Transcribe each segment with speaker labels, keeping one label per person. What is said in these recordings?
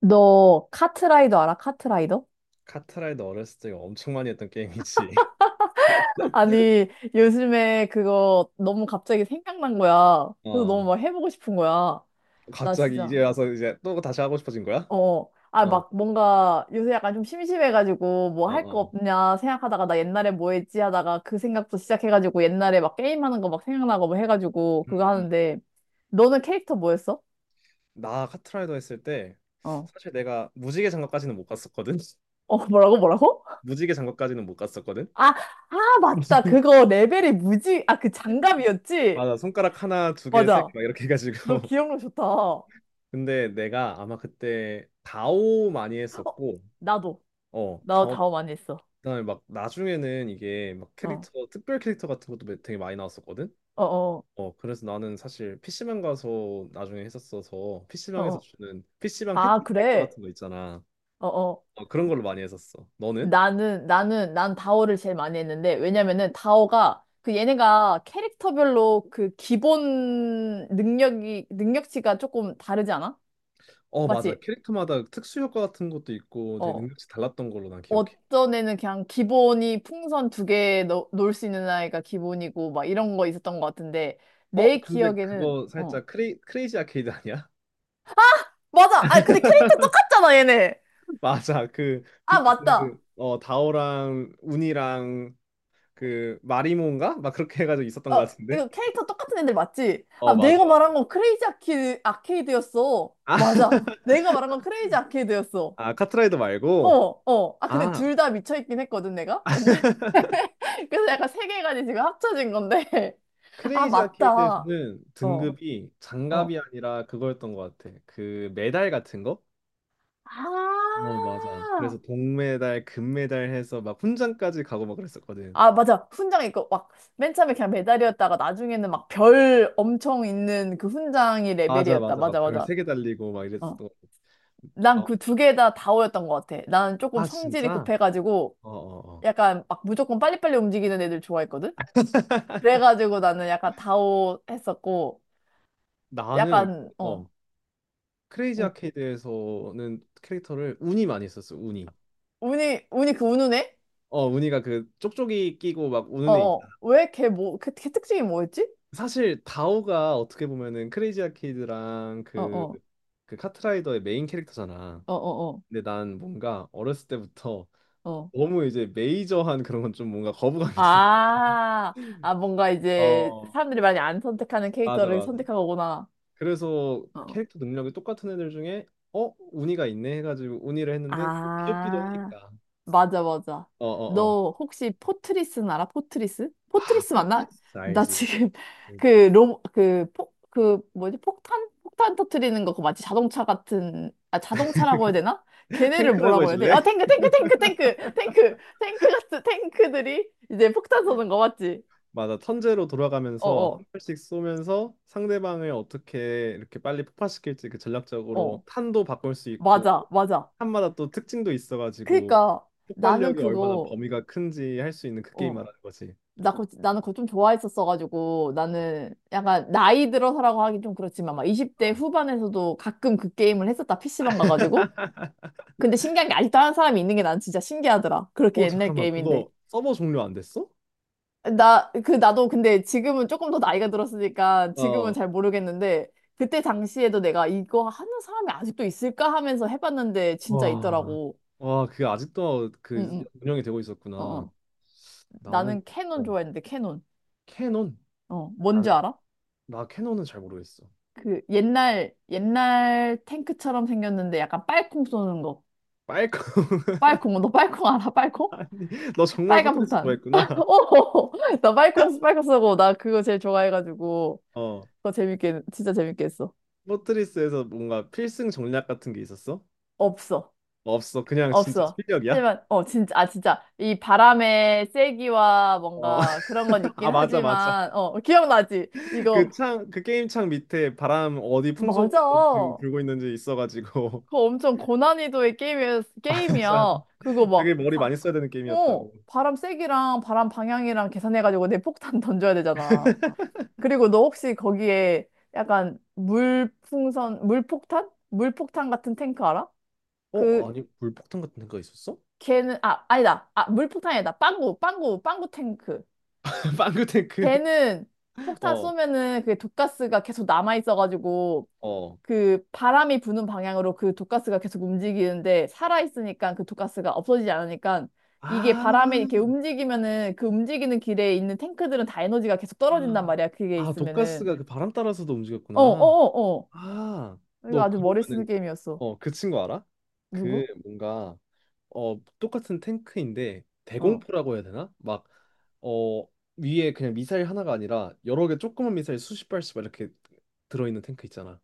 Speaker 1: 너 카트라이더 알아? 카트라이더?
Speaker 2: 카트라이더 어렸을 때 엄청 많이 했던 게임이지.
Speaker 1: 아니, 요즘에 그거 너무 갑자기 생각난 거야. 그래서 너무
Speaker 2: 어.
Speaker 1: 막 해보고 싶은 거야. 나
Speaker 2: 갑자기
Speaker 1: 진짜,
Speaker 2: 이제 와서 이제 또 다시 하고 싶어진 거야?
Speaker 1: 어. 아,
Speaker 2: 어.
Speaker 1: 막 뭔가 요새 약간 좀 심심해가지고 뭐
Speaker 2: 어,
Speaker 1: 할 거
Speaker 2: 어.
Speaker 1: 없냐 생각하다가 나 옛날에 뭐 했지 하다가 그 생각도 시작해가지고 옛날에 막 게임하는 거 막 생각나고 뭐 해가지고
Speaker 2: 음,
Speaker 1: 그거
Speaker 2: 음.
Speaker 1: 하는데. 너는 캐릭터 뭐였어?
Speaker 2: 나 카트라이더 했을 때
Speaker 1: 어.
Speaker 2: 사실 내가 무지개 장갑까지는 못 갔었거든.
Speaker 1: 어, 뭐라고 뭐라고?
Speaker 2: 무지개 장갑까지는 못 갔었거든.
Speaker 1: 아, 아, 맞다. 그거 레벨이 무지, 아, 그 장갑이었지?
Speaker 2: 맞아. 손가락 하나, 두 개, 세 개
Speaker 1: 맞아.
Speaker 2: 막 이렇게 해가지고.
Speaker 1: 너 기억력 좋다. 어,
Speaker 2: 근데 내가 아마 그때 다오 많이 했었고,
Speaker 1: 나도.
Speaker 2: 어,
Speaker 1: 나
Speaker 2: 다오.
Speaker 1: 다오 많이 했어.
Speaker 2: 그다음에 막 나중에는 이게 막
Speaker 1: 어,
Speaker 2: 캐릭터 특별 캐릭터 같은 것도 되게 많이 나왔었거든.
Speaker 1: 어, 어,
Speaker 2: 어, 그래서 나는 사실 PC방 가서 나중에 했었어서
Speaker 1: 어,
Speaker 2: PC방에서
Speaker 1: 어.
Speaker 2: 주는 PC방
Speaker 1: 아,
Speaker 2: 혜택 캐릭터
Speaker 1: 그래?
Speaker 2: 같은 거 있잖아.
Speaker 1: 어, 어.
Speaker 2: 어, 그런 걸로 많이 했었어. 너는?
Speaker 1: 난 다오를 제일 많이 했는데, 왜냐면은 다오가, 그 얘네가 캐릭터별로 그 기본 능력이, 능력치가 조금 다르지 않아?
Speaker 2: 어, 맞아.
Speaker 1: 맞지?
Speaker 2: 캐릭터마다 특수 효과 같은 것도 있고 되게
Speaker 1: 어.
Speaker 2: 능력치 달랐던 걸로 난 기억해.
Speaker 1: 어떤 애는 그냥 기본이 풍선 두 개 놀 수 있는 아이가 기본이고, 막 이런 거 있었던 것 같은데,
Speaker 2: 어,
Speaker 1: 내
Speaker 2: 근데
Speaker 1: 기억에는,
Speaker 2: 그거
Speaker 1: 어.
Speaker 2: 살짝 크레이지 아케이드 아니야?
Speaker 1: 맞아! 아, 근데 캐릭터 똑같잖아, 얘네!
Speaker 2: 맞아.
Speaker 1: 아, 맞다.
Speaker 2: 다오랑 운이랑 그 마리몬가? 막 그렇게 해가지고 있었던 것
Speaker 1: 어,
Speaker 2: 같은데.
Speaker 1: 이거 캐릭터 똑같은 애들 맞지? 아,
Speaker 2: 어, 맞아,
Speaker 1: 내가 말한
Speaker 2: 맞아.
Speaker 1: 건 아케이드였어.
Speaker 2: 아,
Speaker 1: 맞아. 내가 말한 건 크레이지 아케이드였어.
Speaker 2: 아, 카트라이더
Speaker 1: 어,
Speaker 2: 말고.
Speaker 1: 어. 아, 근데
Speaker 2: 아,
Speaker 1: 둘 다 미쳐있긴 했거든, 내가? 옛날에. 그래서 약간 세 개까지 지금 합쳐진 건데. 아,
Speaker 2: 크레이지
Speaker 1: 맞다.
Speaker 2: 아케이드에서는
Speaker 1: 어,
Speaker 2: 등급이 장갑이
Speaker 1: 어.
Speaker 2: 아니라 그거였던 것 같아. 그 메달 같은 거? 어, 맞아.
Speaker 1: 아,
Speaker 2: 그래서 동메달, 금메달 해서 막 훈장까지 가고 막 그랬었거든.
Speaker 1: 아, 맞아. 훈장 있고, 막, 맨 처음에 그냥 메달이었다가 나중에는 막 별 엄청 있는 그 훈장이
Speaker 2: 맞아,
Speaker 1: 레벨이었다.
Speaker 2: 맞아. 막
Speaker 1: 맞아,
Speaker 2: 별
Speaker 1: 맞아.
Speaker 2: 세 개 달리고 막
Speaker 1: 어.
Speaker 2: 이랬었던 거. 아
Speaker 1: 난
Speaker 2: 어,
Speaker 1: 그 두 개 다 다오였던 것 같아. 나는 조금
Speaker 2: 아,
Speaker 1: 성질이
Speaker 2: 진짜?
Speaker 1: 급해가지고
Speaker 2: 어, 어, 어.
Speaker 1: 약간 막 무조건 빨리빨리 움직이는 애들 좋아했거든? 그래가지고 나는 약간 다오 했었고
Speaker 2: 나는,
Speaker 1: 약간 어
Speaker 2: 어, 크레이지
Speaker 1: 우-
Speaker 2: 아케이드에서는 캐릭터를 운이 많이 썼어, 운이.
Speaker 1: 운이 운이 그 우는 애?
Speaker 2: 어, 운이가 그 쪽쪽이 끼고 막 우는 애 있-
Speaker 1: 어어 왜 걔 뭐 걔 걔 특징이 뭐였지?
Speaker 2: 사실 다오가 어떻게 보면은 크레이지 아케이드랑 그
Speaker 1: 어어
Speaker 2: 그 카트라이더의 메인 캐릭터잖아.
Speaker 1: 어어어 어.
Speaker 2: 근데 난 뭔가 어렸을 때부터
Speaker 1: 어, 어. 어.
Speaker 2: 너무 이제 메이저한 그런 건 좀 뭔가 거부감이 드는 거야.
Speaker 1: 아, 아 뭔가 이제
Speaker 2: 어,
Speaker 1: 사람들이 많이 안 선택하는
Speaker 2: 맞아,
Speaker 1: 캐릭터를
Speaker 2: 맞아.
Speaker 1: 선택한 거구나.
Speaker 2: 그래서
Speaker 1: 어.
Speaker 2: 캐릭터 능력이 똑같은 애들 중에 어, 운이가 있네 해가지고 운이를 했는데 또 귀엽기도
Speaker 1: 아.
Speaker 2: 하니까.
Speaker 1: 맞아, 맞아.
Speaker 2: 어, 어, 어.
Speaker 1: 너 혹시 포트리스는 알아? 포트리스?
Speaker 2: 아,
Speaker 1: 포트리스 맞나?
Speaker 2: 포트리스
Speaker 1: 나
Speaker 2: 알지?
Speaker 1: 지금
Speaker 2: 그
Speaker 1: 그 로, 그, 포, 그 뭐지? 폭탄? 폭탄 터트리는 거 그거 맞지? 자동차 같은, 아, 자동차라고 해야 되나? 걔네를
Speaker 2: 탱크라고
Speaker 1: 뭐라고 해야 돼?
Speaker 2: 해줄래?
Speaker 1: 어, 탱크, 탱크, 탱크, 탱크, 탱크, 탱크 같은 탱크들이 이제 폭탄 쏘는 거 맞지?
Speaker 2: 맞아. 턴제로
Speaker 1: 어,
Speaker 2: 돌아가면서 한
Speaker 1: 어,
Speaker 2: 발씩 쏘면서 상대방을 어떻게 이렇게 빨리 폭파시킬지 그 전략적으로
Speaker 1: 어.
Speaker 2: 탄도 바꿀 수 있고
Speaker 1: 맞아, 맞아.
Speaker 2: 탄마다 또 특징도 있어가지고
Speaker 1: 그니까 나는
Speaker 2: 폭발력이 얼마나
Speaker 1: 그거,
Speaker 2: 범위가 큰지 할 수 있는 그 게임
Speaker 1: 어.
Speaker 2: 말하는 거지.
Speaker 1: 나 그거, 나는 그거 좀 좋아했었어가지고 나는 약간 나이 들어서라고 하긴 좀 그렇지만 막 20대
Speaker 2: 어,
Speaker 1: 후반에서도 가끔 그 게임을 했었다 PC방 가가지고. 근데 신기한 게 아직도 하는 사람이 있는 게 난 진짜 신기하더라. 그렇게
Speaker 2: 어,
Speaker 1: 옛날
Speaker 2: 잠깐만.
Speaker 1: 게임인데
Speaker 2: 그거 서버 종료 안 됐어?
Speaker 1: 나 그 나도 근데 지금은 조금 더 나이가 들었으니까 지금은
Speaker 2: 어.
Speaker 1: 잘 모르겠는데 그때 당시에도 내가 이거 하는 사람이 아직도 있을까 하면서 해봤는데 진짜
Speaker 2: 와.
Speaker 1: 있더라고.
Speaker 2: 와, 그게 아직도 그
Speaker 1: 응응.
Speaker 2: 운영이 되고 있었구나.
Speaker 1: 어어.
Speaker 2: 나는
Speaker 1: 나는 캐논
Speaker 2: 어,
Speaker 1: 좋아했는데 캐논.
Speaker 2: 캐논.
Speaker 1: 어
Speaker 2: 나는
Speaker 1: 뭔지 알아?
Speaker 2: 나 캐논은 잘 모르겠어.
Speaker 1: 그 옛날 옛날 탱크처럼 생겼는데 약간 빨콩 쏘는 거.
Speaker 2: 빨강.
Speaker 1: 빨콩 너 빨콩 알아? 빨콩?
Speaker 2: 아니, 너 정말
Speaker 1: 빨간
Speaker 2: 포트리스
Speaker 1: 폭탄.
Speaker 2: 좋아했구나.
Speaker 1: 어, 나 빨콩 빨콩 쏘고 나 그거 제일 좋아해가지고
Speaker 2: 어.
Speaker 1: 그거 재밌게 진짜 재밌게 했어.
Speaker 2: 포트리스에서 뭔가 필승 전략 같은 게 있었어?
Speaker 1: 없어.
Speaker 2: 없어. 그냥 진짜
Speaker 1: 없어.
Speaker 2: 실력이야?
Speaker 1: 하지만 어 진짜 아 진짜 이 바람의 세기와
Speaker 2: 어.
Speaker 1: 뭔가 그런 건
Speaker 2: 아,
Speaker 1: 있긴
Speaker 2: 맞아, 맞아.
Speaker 1: 하지만 어 기억나지? 이거.
Speaker 2: 그 창, 그 게임 창 밑에 바람 어디 풍속으로
Speaker 1: 맞아.
Speaker 2: 지금 불고 있는지 있어가지고.
Speaker 1: 그거 엄청 고난이도의 게임이야.
Speaker 2: 진짜
Speaker 1: 게임이야. 그거
Speaker 2: 되게
Speaker 1: 막,
Speaker 2: 머리
Speaker 1: 바,
Speaker 2: 많이 써야 되는
Speaker 1: 어,
Speaker 2: 게임이었다고.
Speaker 1: 바람 세기랑 바람 방향이랑 계산해가지고 내 폭탄 던져야 되잖아. 그리고 너 혹시 거기에 약간 물풍선, 물폭탄? 물폭탄 같은 탱크 알아?
Speaker 2: 어,
Speaker 1: 그,
Speaker 2: 아니, 물폭탄 같은 데가 있었어?
Speaker 1: 걔는, 아, 아니다. 아, 물폭탄이다. 빵구, 빵구, 빵구 탱크.
Speaker 2: 빵구탱크.
Speaker 1: 걔는 폭탄
Speaker 2: 어,
Speaker 1: 쏘면은 그게 독가스가 계속 남아있어가지고
Speaker 2: 어.
Speaker 1: 그 바람이 부는 방향으로 그 독가스가 계속 움직이는데 살아있으니까 그 독가스가 없어지지 않으니까 이게
Speaker 2: 아,
Speaker 1: 바람에 이렇게 움직이면은 그 움직이는 길에 있는 탱크들은 다 에너지가 계속 떨어진단 말이야. 그게
Speaker 2: 아,
Speaker 1: 있으면은.
Speaker 2: 독가스가 그 바람 따라서도
Speaker 1: 어, 어,
Speaker 2: 움직였구나.
Speaker 1: 어, 어.
Speaker 2: 아,
Speaker 1: 이거
Speaker 2: 너
Speaker 1: 아주 머리 쓰는
Speaker 2: 그러면은,
Speaker 1: 게임이었어.
Speaker 2: 그 친구 알아? 그
Speaker 1: 누구?
Speaker 2: 뭔가 어 똑같은 탱크인데
Speaker 1: 어.
Speaker 2: 대공포라고 해야 되나? 막 어 위에 그냥 미사일 하나가 아니라 여러 개 조그만 미사일 수십 발씩 막 이렇게 들어있는 탱크 있잖아.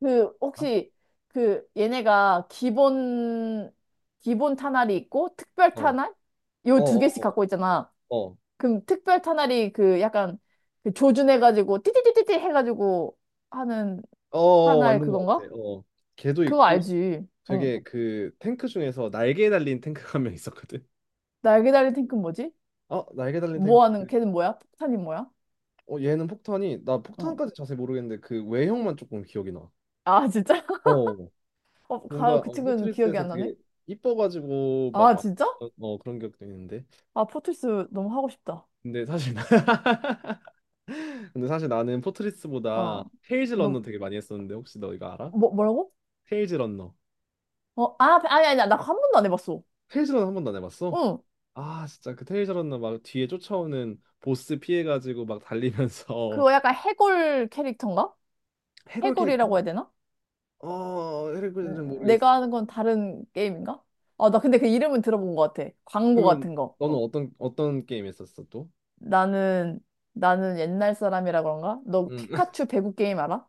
Speaker 1: 그
Speaker 2: 어?
Speaker 1: 혹시 그 얘네가 기본 탄알이 있고 특별
Speaker 2: 어, 어,
Speaker 1: 탄알 요 두 개씩
Speaker 2: 어,
Speaker 1: 갖고 있잖아.
Speaker 2: 어, 어,
Speaker 1: 그럼 특별 탄알이 그 약간 그 조준해가지고 띠띠띠띠띠 해가지고 하는
Speaker 2: 어, 어,
Speaker 1: 탄알
Speaker 2: 맞는 것
Speaker 1: 그건가?
Speaker 2: 같아. 어, 걔도
Speaker 1: 그거
Speaker 2: 있고
Speaker 1: 알지? 어.
Speaker 2: 되게 그 탱크 중에서 날개 달린 탱크가 한 명 있었거든.
Speaker 1: 날개 달린 탱크 는 뭐지?
Speaker 2: 어, 날개 달린
Speaker 1: 뭐
Speaker 2: 탱크.
Speaker 1: 하는 걔는 뭐야? 폭탄이 뭐야?
Speaker 2: 어, 얘는 폭탄이 나
Speaker 1: 어.
Speaker 2: 폭탄까지 자세히 모르겠는데 그 외형만 조금 기억이 나.
Speaker 1: 아 진짜?
Speaker 2: 어,
Speaker 1: 어, 가,
Speaker 2: 뭔가
Speaker 1: 그
Speaker 2: 어,
Speaker 1: 친구는 기억이
Speaker 2: 포트리스에서
Speaker 1: 안 나네.
Speaker 2: 되게 이뻐가지고 막,
Speaker 1: 아
Speaker 2: 막
Speaker 1: 진짜?
Speaker 2: 어, 그런 기억도 있는데.
Speaker 1: 아 포트리스 너무 하고 싶다.
Speaker 2: 근데 사실 나- 근데 사실 나는
Speaker 1: 어.
Speaker 2: 포트리스보다 테일즈 런너
Speaker 1: 너
Speaker 2: 되게 많이 했었는데 혹시 너 이거 알아?
Speaker 1: 뭐, 뭐라고?
Speaker 2: 테일즈 런너.
Speaker 1: 어, 아 아니 아니 나 한 번도 안 해봤어.
Speaker 2: 테일즈 런너 한 번도 안 해봤어?
Speaker 1: 응.
Speaker 2: 아 진짜 그 테일즈 런너 막 뒤에 쫓아오는 보스 피해가지고 막 달리면서
Speaker 1: 그거 약간 해골 캐릭터인가?
Speaker 2: 해골 캐릭터?
Speaker 1: 해골이라고 해야 되나?
Speaker 2: 어 해골은
Speaker 1: 내가
Speaker 2: 모르겠어.
Speaker 1: 하는 건 다른 게임인가? 아, 나 근데 그 이름은 들어본 것 같아. 광고
Speaker 2: 그러면
Speaker 1: 같은 거.
Speaker 2: 너는 어떤 어떤 게임 했었어 또?
Speaker 1: 나는, 나는 옛날 사람이라 그런가? 너
Speaker 2: 응.
Speaker 1: 피카츄 배구 게임 알아?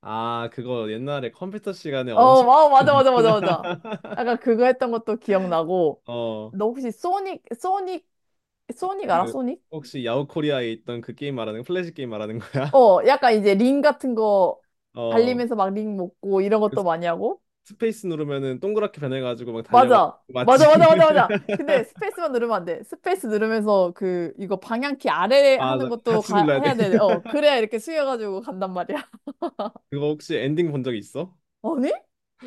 Speaker 2: 아 그거 옛날에 컴퓨터 시간에
Speaker 1: 어,
Speaker 2: 엄청
Speaker 1: 와, 맞아, 맞아, 맞아, 맞아. 아까 그거 했던 것도 기억나고.
Speaker 2: 어그
Speaker 1: 너 혹시 소닉, 소닉, 소닉 알아? 소닉?
Speaker 2: 혹시 야후 코리아에 있던 그 게임 말하는 거 플래시 게임 말하는 거야?
Speaker 1: 어, 약간 이제 링 같은 거
Speaker 2: 어
Speaker 1: 달리면서 막 링 먹고 이런
Speaker 2: 그
Speaker 1: 것도 많이 하고.
Speaker 2: 페이스 누르면은 동그랗게 변해가지고 막 달려가고
Speaker 1: 맞아. 맞아,
Speaker 2: 맞지?
Speaker 1: 맞아, 맞아, 맞아. 근데 스페이스만 누르면 안 돼. 스페이스 누르면서 그, 이거 방향키 아래 하는
Speaker 2: 맞아
Speaker 1: 것도
Speaker 2: 같이
Speaker 1: 가,
Speaker 2: 눌러야 돼
Speaker 1: 해야 돼. 어, 그래야 이렇게 숙여가지고 간단 말이야.
Speaker 2: 그거 혹시 엔딩 본 적 있어?
Speaker 1: 아니?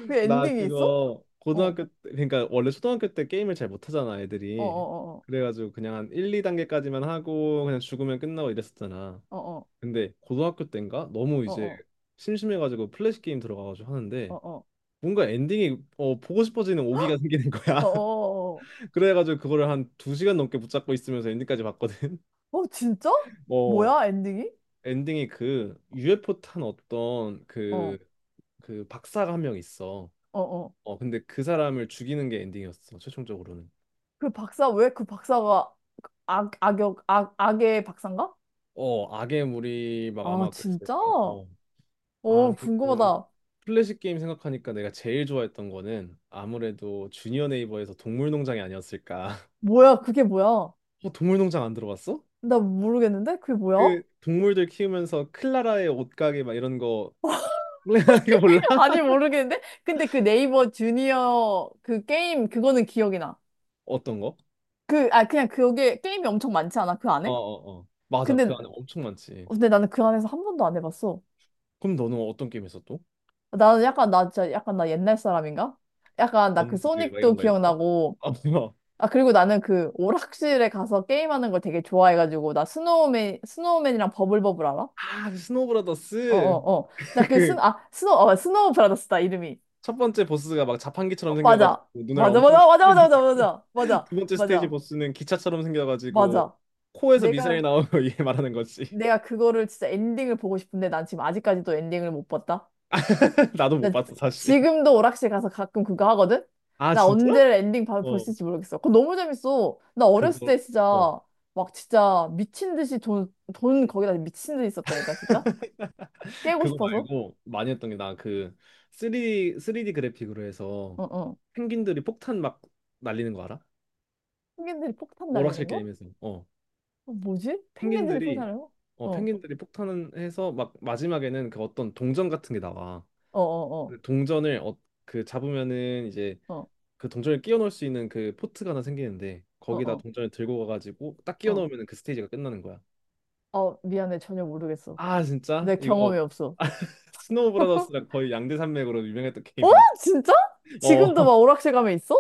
Speaker 1: 그
Speaker 2: 나
Speaker 1: 엔딩이 있어?
Speaker 2: 그거
Speaker 1: 어,
Speaker 2: 고등학교 때- 그러니까 원래 초등학교 때 게임을 잘 못하잖아
Speaker 1: 어,
Speaker 2: 애들이
Speaker 1: 어,
Speaker 2: 그래가지고 그냥 한 1, 2단계까지만 하고 그냥 죽으면 끝나고 이랬었잖아
Speaker 1: 어, 어,
Speaker 2: 근데 고등학교 때인가 너무
Speaker 1: 어,
Speaker 2: 이제
Speaker 1: 어,
Speaker 2: 심심해가지고 플래시 게임 들어가가지고
Speaker 1: 어,
Speaker 2: 하는데
Speaker 1: 어, 어,
Speaker 2: 뭔가 엔딩이 어, 보고 싶어지는 오기가 생기는 거야
Speaker 1: 어, 어, 어, 어,
Speaker 2: 그래가지고 그거를 한 2시간 넘게 붙잡고 있으면서 엔딩까지 봤거든
Speaker 1: 어, 어, 진짜?
Speaker 2: 어
Speaker 1: 뭐야, 엔딩이?
Speaker 2: 엔딩이 그 UFO 탄 어떤
Speaker 1: 어,
Speaker 2: 그 박사가 한 명 있어.
Speaker 1: 어, 어.
Speaker 2: 어 근데 그 사람을 죽이는 게 엔딩이었어 최종적으로는.
Speaker 1: 그 박사, 왜 그 박사가 악, 악역, 악, 악의 박사인가?
Speaker 2: 어 악의 물이 막
Speaker 1: 아,
Speaker 2: 아마 그랬을
Speaker 1: 진짜?
Speaker 2: 거야.
Speaker 1: 어,
Speaker 2: 어 아니면
Speaker 1: 궁금하다.
Speaker 2: 플래시 게임 생각하니까 내가 제일 좋아했던 거는 아무래도 주니어 네이버에서 동물농장이 아니었을까.
Speaker 1: 뭐야, 그게 뭐야?
Speaker 2: 어 동물농장 안 들어봤어?
Speaker 1: 나 모르겠는데? 그게 뭐야?
Speaker 2: 그 동물들 키우면서 클라라의 옷가게 막 이런 거 이거 몰라?
Speaker 1: 아니, 모르겠는데? 근데 그 네이버 주니어 그 게임, 그거는 기억이 나.
Speaker 2: 어떤 거?
Speaker 1: 그, 아, 그냥 그게 게임이 엄청 많지 않아? 그
Speaker 2: 어
Speaker 1: 안에?
Speaker 2: 어, 어. 맞아 그
Speaker 1: 근데,
Speaker 2: 안에 엄청 많지.
Speaker 1: 근데 나는 그 안에서 한 번도 안 해봤어.
Speaker 2: 그럼 너는 어떤 게임 했어 또?
Speaker 1: 나는 약간, 나 진짜 약간 나 옛날 사람인가? 약간 나 그
Speaker 2: 번즈 막
Speaker 1: 소닉도
Speaker 2: 이런 거 있어?
Speaker 1: 기억나고,
Speaker 2: 어, 뭐.
Speaker 1: 아, 그리고 나는 그 오락실에 가서 게임하는 걸 되게 좋아해가지고, 나 스노우맨, 스노우맨이랑 버블버블 알아?
Speaker 2: 아, 그
Speaker 1: 어
Speaker 2: 스노우브라더스
Speaker 1: 어 어. 나 그 스,
Speaker 2: 그
Speaker 1: 아, 스노 어, 스노우 브라더스다, 이름이.
Speaker 2: 첫 번째 보스가 막
Speaker 1: 어,
Speaker 2: 자판기처럼 생겨가지고
Speaker 1: 맞아.
Speaker 2: 눈알
Speaker 1: 맞아,
Speaker 2: 엄청
Speaker 1: 맞아, 맞아,
Speaker 2: 크게
Speaker 1: 맞아,
Speaker 2: 생기고
Speaker 1: 맞아, 맞아,
Speaker 2: 두
Speaker 1: 맞아,
Speaker 2: 번째 스테이지
Speaker 1: 맞아,
Speaker 2: 보스는 기차처럼 생겨가지고
Speaker 1: 맞아.
Speaker 2: 코에서 미사일
Speaker 1: 내가,
Speaker 2: 나오고 얘 말하는 거지.
Speaker 1: 내가 그거를 진짜 엔딩을 보고 싶은데 난 지금 아직까지도 엔딩을 못 봤다.
Speaker 2: 나도 못
Speaker 1: 나
Speaker 2: 봤어 사실.
Speaker 1: 지금도 오락실 가서 가끔 그거 하거든?
Speaker 2: 아
Speaker 1: 나
Speaker 2: 진짜?
Speaker 1: 언제 엔딩 봐볼
Speaker 2: 어
Speaker 1: 수 있을지 모르겠어. 그거 너무 재밌어. 나 어렸을
Speaker 2: 그거
Speaker 1: 때
Speaker 2: 어
Speaker 1: 진짜 막 진짜 미친 듯이 돈, 돈 거기다 미친 듯이 썼다니까, 진짜? 깨고
Speaker 2: 그거
Speaker 1: 싶어서?
Speaker 2: 말고 많이 했던 게 나 그 3D 그래픽으로 해서
Speaker 1: 응, 응.
Speaker 2: 펭귄들이 폭탄 막 날리는 거 알아?
Speaker 1: 펭귄들이 폭탄 날리는
Speaker 2: 오락실
Speaker 1: 거?
Speaker 2: 게임에서. 어
Speaker 1: 어, 뭐지? 펭귄들이
Speaker 2: 펭귄들이
Speaker 1: 폭탄을? 어, 어,
Speaker 2: 펭귄들이 폭탄을 해서 막 마지막에는 그 어떤 동전 같은 게 나와.
Speaker 1: 어, 어,
Speaker 2: 그 동전을 잡으면은 이제
Speaker 1: 어,
Speaker 2: 그 동전을 끼워 넣을 수 있는 그 포트가 하나 생기는데
Speaker 1: 어,
Speaker 2: 거기다
Speaker 1: 어.
Speaker 2: 동전을 들고 가가지고 딱 끼워 넣
Speaker 1: 어.
Speaker 2: 으면 그 스테이지가 끝나는 거야.
Speaker 1: 어, 미안해. 전혀 모르겠어.
Speaker 2: 아 진짜?
Speaker 1: 내 경험이
Speaker 2: 이거
Speaker 1: 없어.
Speaker 2: 스노우 브라더스랑 거의 양대 산맥으로 유명했던
Speaker 1: 어?
Speaker 2: 게임인데.
Speaker 1: 진짜?
Speaker 2: 어
Speaker 1: 지금도 막 오락실 가면 있어?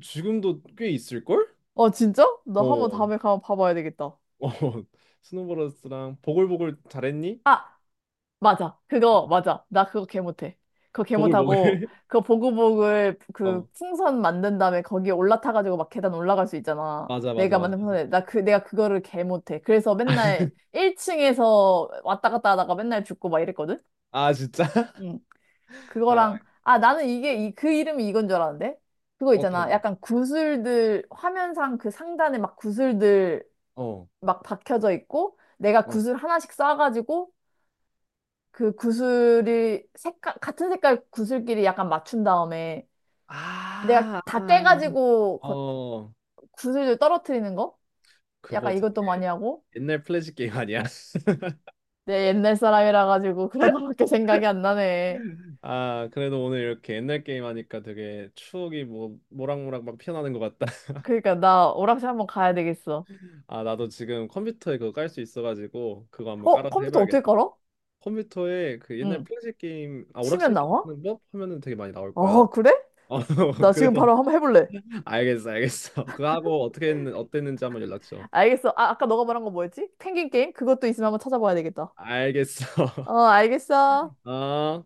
Speaker 2: 지금도 꽤 있을걸?
Speaker 1: 어, 진짜? 나 한번
Speaker 2: 어,
Speaker 1: 다음에 가면 봐봐야 되겠다.
Speaker 2: 어 스노우 브라더스랑 보글보글 잘했니?
Speaker 1: 아, 맞아.
Speaker 2: 어,
Speaker 1: 그거, 맞아. 나 그거 개 못해. 그거 개 못하고,
Speaker 2: 보글보글.
Speaker 1: 그거 보글보글 그
Speaker 2: 어
Speaker 1: 풍선 만든 다음에 거기에 올라타가지고 막 계단 올라갈 수 있잖아.
Speaker 2: 맞아 맞아
Speaker 1: 내가
Speaker 2: 맞아.
Speaker 1: 만든 풍선에. 나 그, 내가 그거를 개 못해. 그래서 맨날 1층에서 왔다 갔다 하다가 맨날 죽고 막 이랬거든?
Speaker 2: 아, 진짜? 아,
Speaker 1: 그거랑 아 나는 이게 이, 그 이름이 이건 줄 알았는데 그거
Speaker 2: 어떤
Speaker 1: 있잖아
Speaker 2: 거?
Speaker 1: 약간 구슬들 화면상 그 상단에 막 구슬들
Speaker 2: 어,
Speaker 1: 막 박혀져 있고 내가
Speaker 2: 어.
Speaker 1: 구슬 하나씩 쌓아가지고 그 구슬이 색깔 같은 색깔 구슬끼리 약간 맞춘 다음에 내가
Speaker 2: 아, 아,
Speaker 1: 다
Speaker 2: 아.
Speaker 1: 깨가지고 거-
Speaker 2: 어,
Speaker 1: 구슬들 떨어뜨리는 거
Speaker 2: 그거
Speaker 1: 약간
Speaker 2: 되게
Speaker 1: 이것도 많이 하고
Speaker 2: 옛날 플래시 게임 아니야?
Speaker 1: 내 옛날 사람이라 가지고 그런 거밖에 생각이 안 나네.
Speaker 2: 아, 그래도 오늘 이렇게 옛날 게임 하니까 되게 추억이 뭐 모락모락 막 피어나는 것 같다.
Speaker 1: 그러니까 나 오락실 한번 가야 되겠어.
Speaker 2: 아, 나도 지금 컴퓨터에 그거 깔 수 있어가지고 그거 한번
Speaker 1: 어
Speaker 2: 깔아서
Speaker 1: 컴퓨터 어떻게
Speaker 2: 해봐야겠다.
Speaker 1: 깔아?
Speaker 2: 컴퓨터에 그 옛날
Speaker 1: 응
Speaker 2: 플래시 게임, 아,
Speaker 1: 치면
Speaker 2: 오락실 게임
Speaker 1: 나와?
Speaker 2: 하는 법 하면은 되게 많이 나올 거야.
Speaker 1: 어, 그래?
Speaker 2: 어,
Speaker 1: 나 지금
Speaker 2: 그래서
Speaker 1: 바로 한번 해볼래.
Speaker 2: 알겠어, 알겠어. 그거 하고 어땠는지 한번 연락 줘.
Speaker 1: 알겠어. 아, 아까 너가 말한 거 뭐였지? 펭귄 게임? 그것도 있으면 한번 찾아봐야 되겠다.
Speaker 2: 알겠어.
Speaker 1: 어, 알겠어.
Speaker 2: 어.